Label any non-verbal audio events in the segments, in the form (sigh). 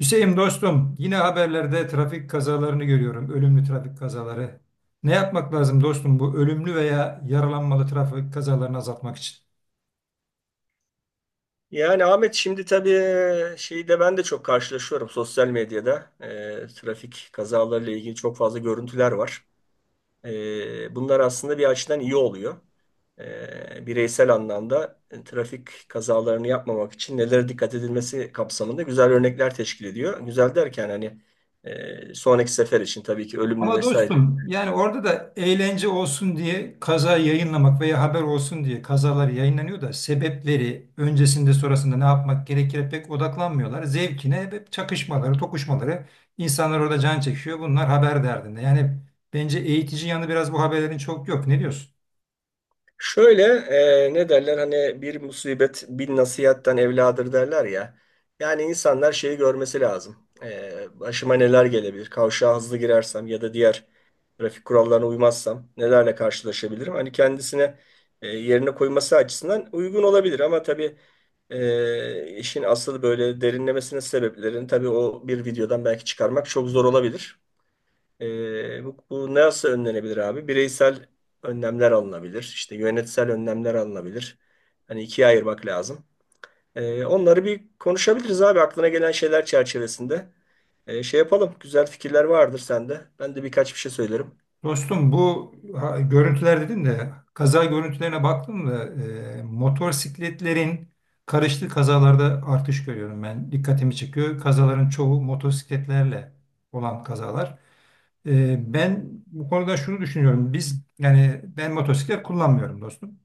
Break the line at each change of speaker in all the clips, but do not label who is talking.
Hüseyin dostum, yine haberlerde trafik kazalarını görüyorum, ölümlü trafik kazaları. Ne yapmak lazım dostum bu ölümlü veya yaralanmalı trafik kazalarını azaltmak için?
Yani Ahmet şimdi tabii ben de çok karşılaşıyorum sosyal medyada. Trafik kazalarıyla ilgili çok fazla görüntüler var. Bunlar aslında bir açıdan iyi oluyor. Bireysel anlamda trafik kazalarını yapmamak için nelere dikkat edilmesi kapsamında güzel örnekler teşkil ediyor. Güzel derken hani sonraki sefer için tabii ki ölümlü
Ama
vesaire.
dostum, yani orada da eğlence olsun diye kaza yayınlamak veya haber olsun diye kazalar yayınlanıyor da sebepleri öncesinde sonrasında ne yapmak gerekir pek odaklanmıyorlar. Zevkine hep çakışmaları, tokuşmaları, insanlar orada can çekişiyor. Bunlar haber derdinde. Yani bence eğitici yanı biraz bu haberlerin çok yok. Ne diyorsun?
Şöyle ne derler hani, bir musibet bin nasihatten evladır derler ya. Yani insanlar şeyi görmesi lazım. Başıma neler gelebilir? Kavşağa hızlı girersem ya da diğer trafik kurallarına uymazsam nelerle karşılaşabilirim? Hani kendisine yerine koyması açısından uygun olabilir ama tabii işin asıl böyle derinlemesine sebeplerini tabii o bir videodan belki çıkarmak çok zor olabilir. Bu nasıl önlenebilir abi? Bireysel önlemler alınabilir. İşte yönetsel önlemler alınabilir. Hani ikiye ayırmak lazım. Onları bir konuşabiliriz abi, aklına gelen şeyler çerçevesinde. Şey yapalım. Güzel fikirler vardır sende. Ben de birkaç bir şey söylerim.
Dostum bu görüntüler dedin de kaza görüntülerine baktım da motosikletlerin karıştığı kazalarda artış görüyorum ben. Dikkatimi çekiyor. Kazaların çoğu motosikletlerle olan kazalar. Ben bu konuda şunu düşünüyorum. Biz yani ben motosiklet kullanmıyorum dostum.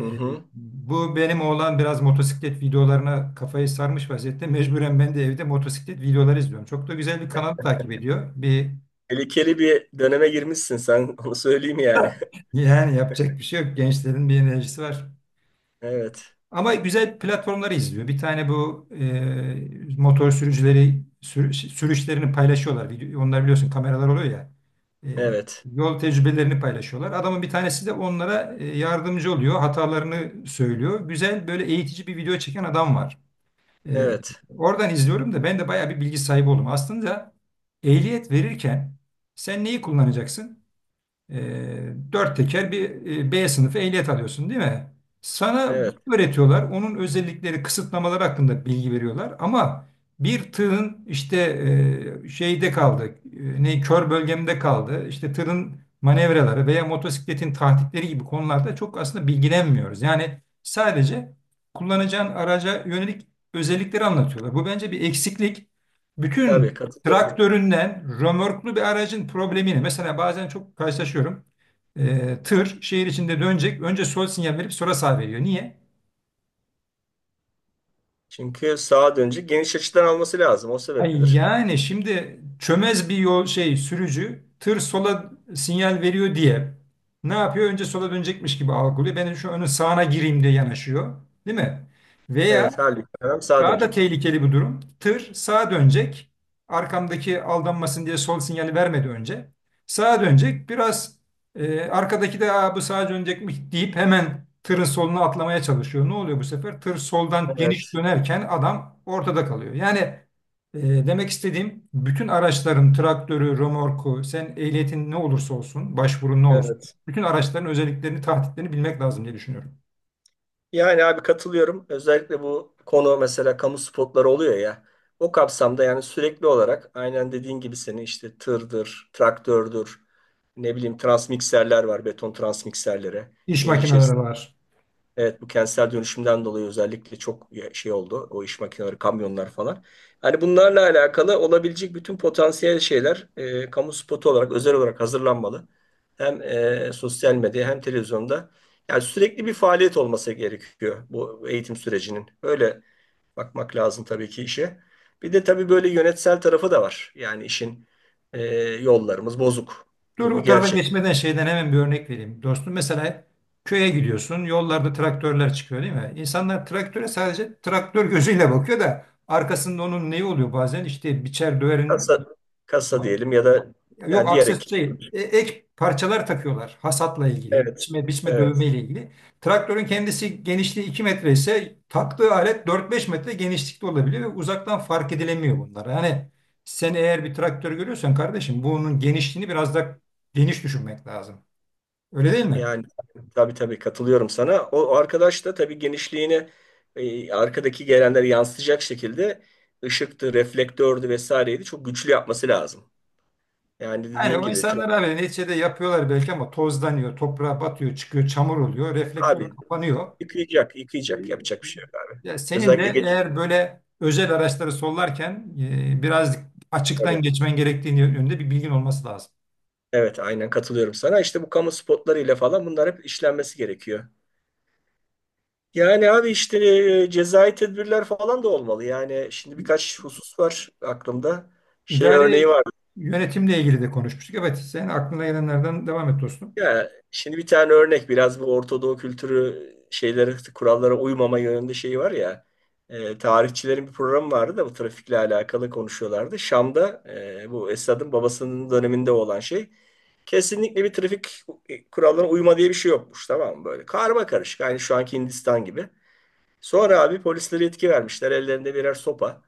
Hı hı.
bu benim oğlan biraz motosiklet videolarına kafayı sarmış vaziyette. Mecburen ben de evde motosiklet videoları izliyorum. Çok da güzel bir kanal takip ediyor.
Tehlikeli bir döneme girmişsin sen. (laughs) Onu söyleyeyim yani.
Yani yapacak bir şey yok. Gençlerin bir enerjisi var.
(laughs) Evet.
Ama güzel platformları izliyor. Bir tane bu motor sürücüleri sürüşlerini paylaşıyorlar. Onlar biliyorsun kameralar oluyor ya. E,
Evet.
yol tecrübelerini paylaşıyorlar. Adamın bir tanesi de onlara yardımcı oluyor. Hatalarını söylüyor. Güzel böyle eğitici bir video çeken adam var. E,
Evet.
oradan izliyorum da ben de bayağı bir bilgi sahibi oldum. Aslında ehliyet verirken sen neyi kullanacaksın? E, dört teker bir B sınıfı ehliyet alıyorsun değil mi? Sana evet,
Evet.
bunu öğretiyorlar. Onun özellikleri, kısıtlamaları hakkında bilgi veriyorlar. Ama bir tığın işte şeyde kaldı, ne kör bölgemde kaldı, işte tırın manevraları veya motosikletin tahtikleri gibi konularda çok aslında bilgilenmiyoruz. Yani sadece kullanacağın araca yönelik özellikleri anlatıyorlar. Bu bence bir eksiklik.
Tabii
Bütün
katılıyorum.
traktöründen römorklu bir aracın problemini mesela bazen çok karşılaşıyorum. Tır şehir içinde dönecek. Önce sol sinyal verip sonra sağ veriyor. Niye?
Çünkü sağa dönecek. Geniş açıdan alması lazım. O
Ay,
sebepledir.
yani şimdi çömez bir yol şey sürücü tır sola sinyal veriyor diye ne yapıyor? Önce sola dönecekmiş gibi algılıyor. Ben şu önün sağına gireyim diye yanaşıyor. Değil mi?
Evet,
Veya
halbuki adam sağ
Daha da
dönecek.
tehlikeli bir durum. Tır sağa dönecek. Arkamdaki aldanmasın diye sol sinyali vermedi önce. Sağa dönecek. Biraz arkadaki de "Aa, bu sağa dönecekmiş" deyip hemen tırın soluna atlamaya çalışıyor. Ne oluyor bu sefer? Tır soldan geniş
Evet,
dönerken adam ortada kalıyor. Yani demek istediğim bütün araçların traktörü, römorku, sen ehliyetin ne olursa olsun, başvurun ne olursa
evet.
bütün araçların özelliklerini, tahtitlerini bilmek lazım diye düşünüyorum.
Yani abi katılıyorum. Özellikle bu konu, mesela kamu spotları oluyor ya. O kapsamda yani sürekli olarak, aynen dediğin gibi, senin işte tırdır, traktördür, ne bileyim transmikserler var, beton transmikserleri.
İş
Şehir
makineleri
içerisinde
var.
evet, bu kentsel dönüşümden dolayı özellikle çok oldu. O iş makineleri, kamyonlar falan. Hani bunlarla alakalı olabilecek bütün potansiyel şeyler kamu spotu olarak, özel olarak hazırlanmalı. Hem sosyal medya hem televizyonda. Yani sürekli bir faaliyet olması gerekiyor bu eğitim sürecinin. Öyle bakmak lazım tabii ki işe. Bir de tabii böyle yönetsel tarafı da var. Yani işin e, yollarımız bozuk.
Dur
Bu bir
o tarafa
gerçek.
geçmeden şeyden hemen bir örnek vereyim. Dostum mesela köye gidiyorsun. Yollarda traktörler çıkıyor değil mi? İnsanlar traktöre sadece traktör gözüyle bakıyor da arkasında onun neyi oluyor bazen? İşte biçer döverin.
Kasa, kasa diyelim ya da
Yok,
yani diğer ekip.
aksesuar değil. Ek parçalar takıyorlar hasatla ilgili,
Evet,
biçme, biçme
evet.
dövme ile ilgili. Traktörün kendisi genişliği 2 metre ise taktığı alet 4-5 metre genişlikte olabiliyor ve uzaktan fark edilemiyor bunlar. Yani sen eğer bir traktör görüyorsan kardeşim bunun genişliğini biraz da geniş düşünmek lazım. Öyle değil mi?
Yani tabii tabii katılıyorum sana. O arkadaş da tabii genişliğini arkadaki gelenleri yansıtacak şekilde ışıktı, reflektördü, vesaireydi. Çok güçlü yapması lazım. Yani
Yani
dediğin
o
gibi tra-
insanlar abi neticede yapıyorlar belki ama tozlanıyor, toprağa batıyor, çıkıyor, çamur oluyor,
Abi,
reflektör kapanıyor.
yıkayacak,
E,
yıkayacak yapacak bir şey yok abi.
Ya senin de
Özellikle geç
eğer böyle özel araçları sollarken biraz
tabii.
açıktan geçmen gerektiğini yönünde bir bilgin olması lazım.
Evet, aynen katılıyorum sana. İşte bu kamu spotlarıyla falan bunlar hep işlenmesi gerekiyor. Yani abi işte cezai tedbirler falan da olmalı. Yani şimdi birkaç husus var aklımda. Şey örneği
İdari
var.
yönetimle ilgili de konuşmuştuk. Evet, sen aklına gelenlerden devam et dostum.
Ya şimdi bir tane örnek, biraz bu Orta kültürü şeylere, kurallara uymama yönünde şeyi var ya, tarihçilerin bir programı vardı da bu trafikle alakalı konuşuyorlardı. Şam'da bu Esad'ın babasının döneminde olan şey, kesinlikle bir trafik kurallarına uyma diye bir şey yokmuş, tamam mı? Böyle karma karışık, aynı şu anki Hindistan gibi. Sonra abi polislere yetki vermişler, ellerinde birer sopa.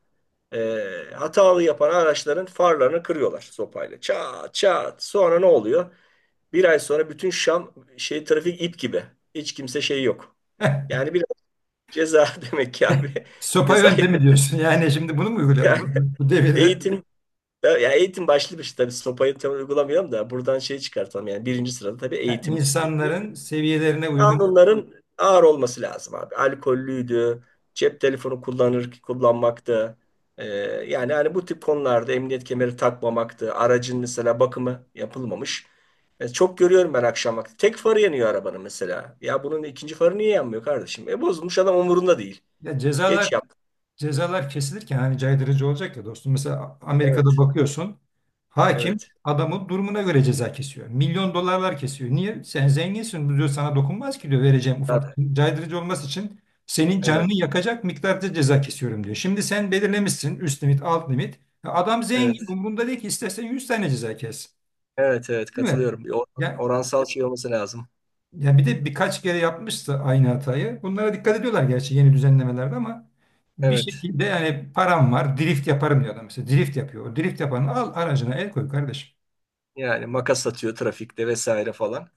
Hatalı yapan araçların farlarını kırıyorlar sopayla. Çat çat. Sonra ne oluyor? Bir ay sonra bütün Şam şey, trafik ip gibi. Hiç kimse şey yok. Yani biraz ceza (laughs) demek ki abi. (laughs)
Sopa
Ceza
yöntemi diyorsun. (laughs) Yani şimdi bunu mu uygulayalım
yani,
bu devirde?
eğitim. Ya eğitim başlı bir şey tabii, sopayı tam uygulamayalım da buradan şey çıkartalım, yani birinci sırada tabii
Ya
eğitim geliyor.
insanların seviyelerine uygun
Kanunların ağır olması lazım abi. Alkollüydü, cep telefonu kullanır kullanmaktı. Ee, Yani hani bu tip konularda, emniyet kemeri takmamaktı. Aracın mesela bakımı yapılmamış. Çok görüyorum ben akşam vakti. Tek farı yanıyor arabanın mesela. Ya bunun ikinci farı niye yanmıyor kardeşim? E bozulmuş, adam umurunda değil.
ya cezalar,
Geç yaptı.
cezalar kesilirken hani caydırıcı olacak ya dostum. Mesela Amerika'da
Evet.
bakıyorsun hakim
Evet.
adamın durumuna göre ceza kesiyor. Milyon dolarlar kesiyor. Niye? Sen zenginsin, bu diyor sana dokunmaz ki diyor, vereceğim ufak
Evet.
caydırıcı olması için senin
Evet.
canını yakacak miktarda ceza kesiyorum diyor. Şimdi sen belirlemişsin üst limit alt limit. Ya, adam
Evet.
zengin umurunda değil ki istersen 100 tane ceza kes.
Evet. Evet.
Değil mi?
Katılıyorum.
Ya
Oransal şey olması lazım.
ya, bir de birkaç kere yapmıştı aynı hatayı. Bunlara dikkat ediyorlar gerçi yeni düzenlemelerde ama bir
Evet.
şekilde yani param var drift yaparım diyor adam mesela. Drift yapıyor. O drift yapanı al aracına el koy kardeşim.
Yani makas atıyor trafikte vesaire falan.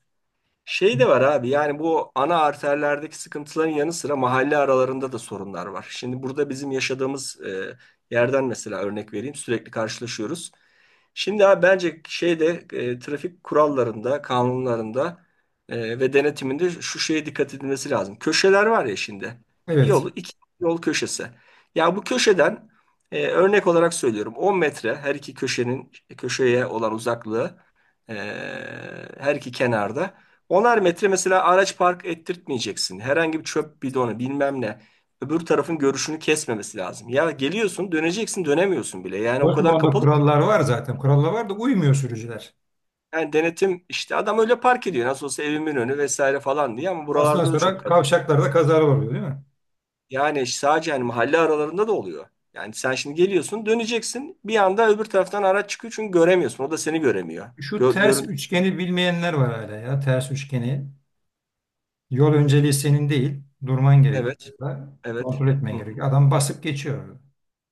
Şey de var abi, yani bu ana arterlerdeki sıkıntıların yanı sıra mahalle aralarında da sorunlar var. Şimdi burada bizim yaşadığımız yerden mesela örnek vereyim, sürekli karşılaşıyoruz. Şimdi abi bence şeyde trafik kurallarında, kanunlarında ve denetiminde şu şeye dikkat edilmesi lazım. Köşeler var ya şimdi.
Evet.
Yolu iki yol köşesi. Ya bu köşeden, örnek olarak söylüyorum, 10 metre her iki köşenin köşeye olan uzaklığı e, her iki kenarda. Onar metre mesela araç park ettirtmeyeceksin. Herhangi bir çöp bidonu bilmem ne. Öbür tarafın görüşünü kesmemesi lazım. Ya geliyorsun, döneceksin, dönemiyorsun bile. Yani o kadar
Dortmund'da
kapalı ki.
kurallar var zaten. Kurallar var da uymuyor sürücüler.
Yani denetim, işte adam öyle park ediyor. Nasıl olsa evimin önü vesaire falan diye, ama
Ondan
buralarda da çok
sonra
kalabalık.
kavşaklarda kazalar oluyor değil mi?
Yani sadece hani, mahalle aralarında da oluyor. Yani sen şimdi geliyorsun, döneceksin, bir anda öbür taraftan araç çıkıyor çünkü göremiyorsun. O da seni göremiyor.
Şu
Gör,
ters
görüntü
üçgeni bilmeyenler var hala ya. Ters üçgeni. Yol önceliği senin değil. Durman gerekiyor.
evet, evet.
Kontrol etmen
Hı.
gerekiyor. Adam basıp geçiyor.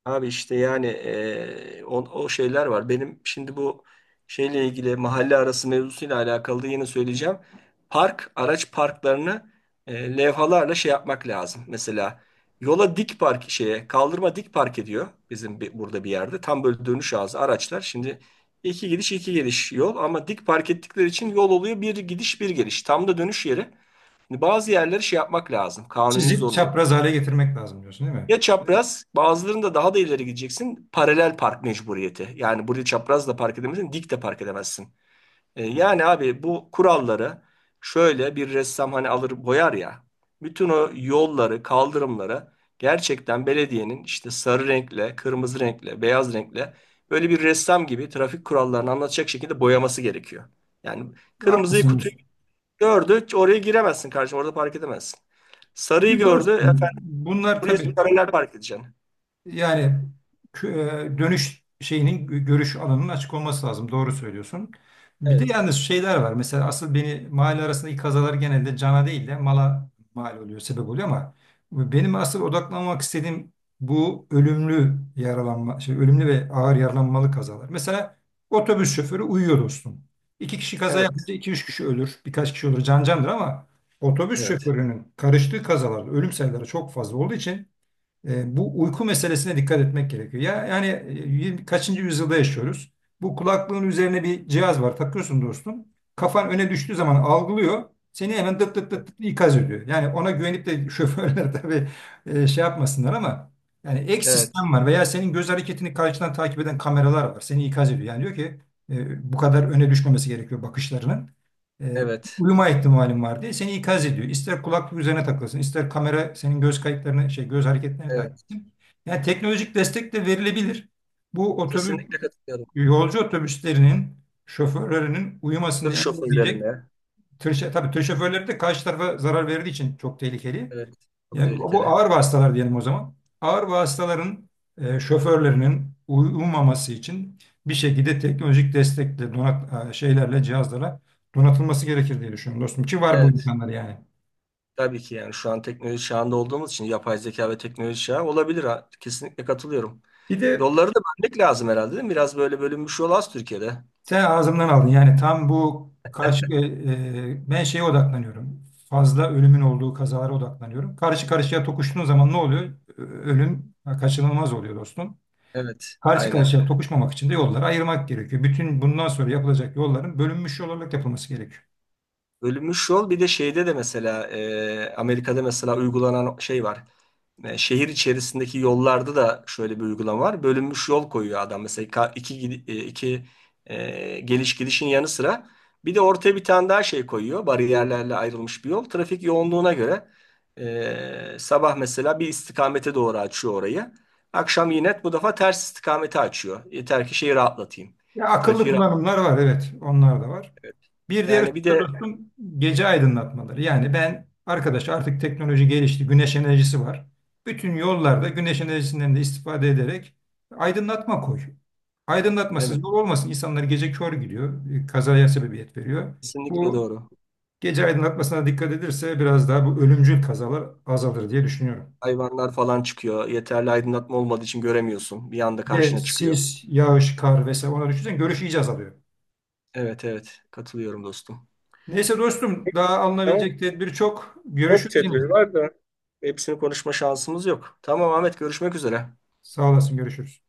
Abi işte yani o şeyler var. Benim şimdi bu şeyle ilgili, mahalle arası mevzusuyla alakalı da yine söyleyeceğim. Araç parklarını levhalarla şey yapmak lazım. Mesela yola dik park şeye, kaldırıma dik park ediyor bizim burada bir yerde. Tam böyle dönüş ağzı araçlar. Şimdi iki gidiş iki geliş yol, ama dik park ettikleri için yol oluyor bir gidiş bir geliş. Tam da dönüş yeri. Şimdi bazı yerleri şey yapmak lazım. Kanuni
Çizip
zorunluluk.
çapraz hale getirmek lazım diyorsun değil mi?
Ya çapraz, bazılarında daha da ileri gideceksin. Paralel park mecburiyeti. Yani burayı çapraz da park edemezsin, dik de park edemezsin. Yani abi bu kuralları, şöyle bir ressam hani alır boyar ya. Bütün o yolları, kaldırımları gerçekten belediyenin, işte sarı renkle, kırmızı renkle, beyaz renkle, böyle bir ressam gibi trafik kurallarını anlatacak şekilde boyaması gerekiyor. Yani kırmızıyı, kutuyu
Haklısınız.
gördü, oraya giremezsin kardeşim, orada park edemezsin.
Bir
Sarıyı
de
gördü, efendim
dostum bunlar
buraya
tabii.
paralel park edeceksin.
Yani dönüş şeyinin görüş alanının açık olması lazım. Doğru söylüyorsun. Bir de
Evet.
yalnız şeyler var. Mesela asıl beni mahalle arasındaki kazalar genelde cana değil de mala mal oluyor, sebep oluyor ama benim asıl odaklanmak istediğim bu ölümlü yaralanma, şey, ölümlü ve ağır yaralanmalı kazalar. Mesela otobüs şoförü uyuyor dostum. İki kişi kaza
Evet,
yapınca iki üç kişi ölür. Birkaç kişi olur can candır ama otobüs
evet,
şoförünün karıştığı kazalarda ölüm sayıları çok fazla olduğu için bu uyku meselesine dikkat etmek gerekiyor. Ya yani kaçıncı yüzyılda yaşıyoruz? Bu kulaklığın üzerine bir cihaz var. Takıyorsun dostum. Kafan öne düştüğü zaman algılıyor. Seni hemen dıt dıt dıt dıt ikaz ediyor. Yani ona güvenip de (laughs) şoförler tabii şey yapmasınlar ama yani ek
evet,
sistem var veya senin göz hareketini karşıdan takip eden kameralar var. Seni ikaz ediyor. Yani diyor ki bu kadar öne düşmemesi gerekiyor bakışlarının. E,
evet,
uyuma ihtimalin var diye seni ikaz ediyor. İster kulaklık üzerine takılsın, ister kamera senin göz kayıtlarını, şey göz hareketlerini takip
evet.
etsin. Yani teknolojik destek de verilebilir. Bu otobüs,
Kesinlikle katılıyorum.
yolcu otobüslerinin şoförlerinin uyumasını
Tır
engelleyecek
şoförlerine,
tabii tır şoförleri de karşı tarafa zarar verdiği için çok tehlikeli.
evet, çok
Yani bu
tehlikeli.
ağır vasıtalar diyelim o zaman. Ağır vasıtaların şoförlerinin uyumaması için bir şekilde teknolojik destekle, şeylerle, cihazlara donatılması gerekir diye düşünüyorum dostum. Ki var bu
Evet,
imkanlar yani.
tabii ki yani şu an teknoloji çağında olduğumuz için, yapay zeka ve teknoloji çağı olabilir. Ha. Kesinlikle katılıyorum.
Bir de
Yolları da bölmek lazım herhalde, değil mi? Biraz böyle bölünmüş yol az Türkiye'de.
sen ağzımdan aldın. Yani tam bu ben şeye odaklanıyorum. Fazla ölümün olduğu kazalara odaklanıyorum. Karşı karşıya tokuştuğun zaman ne oluyor? Ölüm kaçınılmaz oluyor dostum.
Evet,
Karşı
aynen.
karşıya tokuşmamak için de yolları ayırmak gerekiyor. Bütün bundan sonra yapılacak yolların bölünmüş yol olarak yapılması gerekiyor.
Bölünmüş yol, bir de şeyde de mesela Amerika'da mesela uygulanan şey var. Şehir içerisindeki yollarda da şöyle bir uygulama var. Bölünmüş yol koyuyor adam. Mesela ka- iki, gidi- e, iki geliş gidişin yanı sıra bir de ortaya bir tane daha şey koyuyor. Bariyerlerle ayrılmış bir yol. Trafik yoğunluğuna göre sabah mesela bir istikamete doğru açıyor orayı. Akşam yine bu defa ters istikamete açıyor. Yeter ki şeyi rahatlatayım.
Ya akıllı
Trafiği rahat-
kullanımlar var evet onlar da var. Bir diğer
Yani
husus
bir
da
de
dostum gece aydınlatmaları. Yani ben arkadaş artık teknoloji gelişti güneş enerjisi var. Bütün yollarda güneş enerjisinden de istifade ederek aydınlatma koy. Aydınlatmasız
evet,
yol olmasın. İnsanlar gece kör gidiyor. Kazaya sebebiyet veriyor.
kesinlikle
Bu
doğru.
gece aydınlatmasına dikkat edilirse biraz daha bu ölümcül kazalar azalır diye düşünüyorum.
Hayvanlar falan çıkıyor. Yeterli aydınlatma olmadığı için göremiyorsun. Bir anda
Bir de
karşına çıkıyor.
sis, yağış, kar vesaire onları düşünsen görüş iyice azalıyor.
Evet, evet, katılıyorum dostum.
Neyse dostum daha
Tamam.
alınabilecek tedbir çok.
Çok
Görüşürüz yine.
tedbir var da hepsini konuşma şansımız yok. Tamam Ahmet, görüşmek üzere.
Sağ olasın görüşürüz.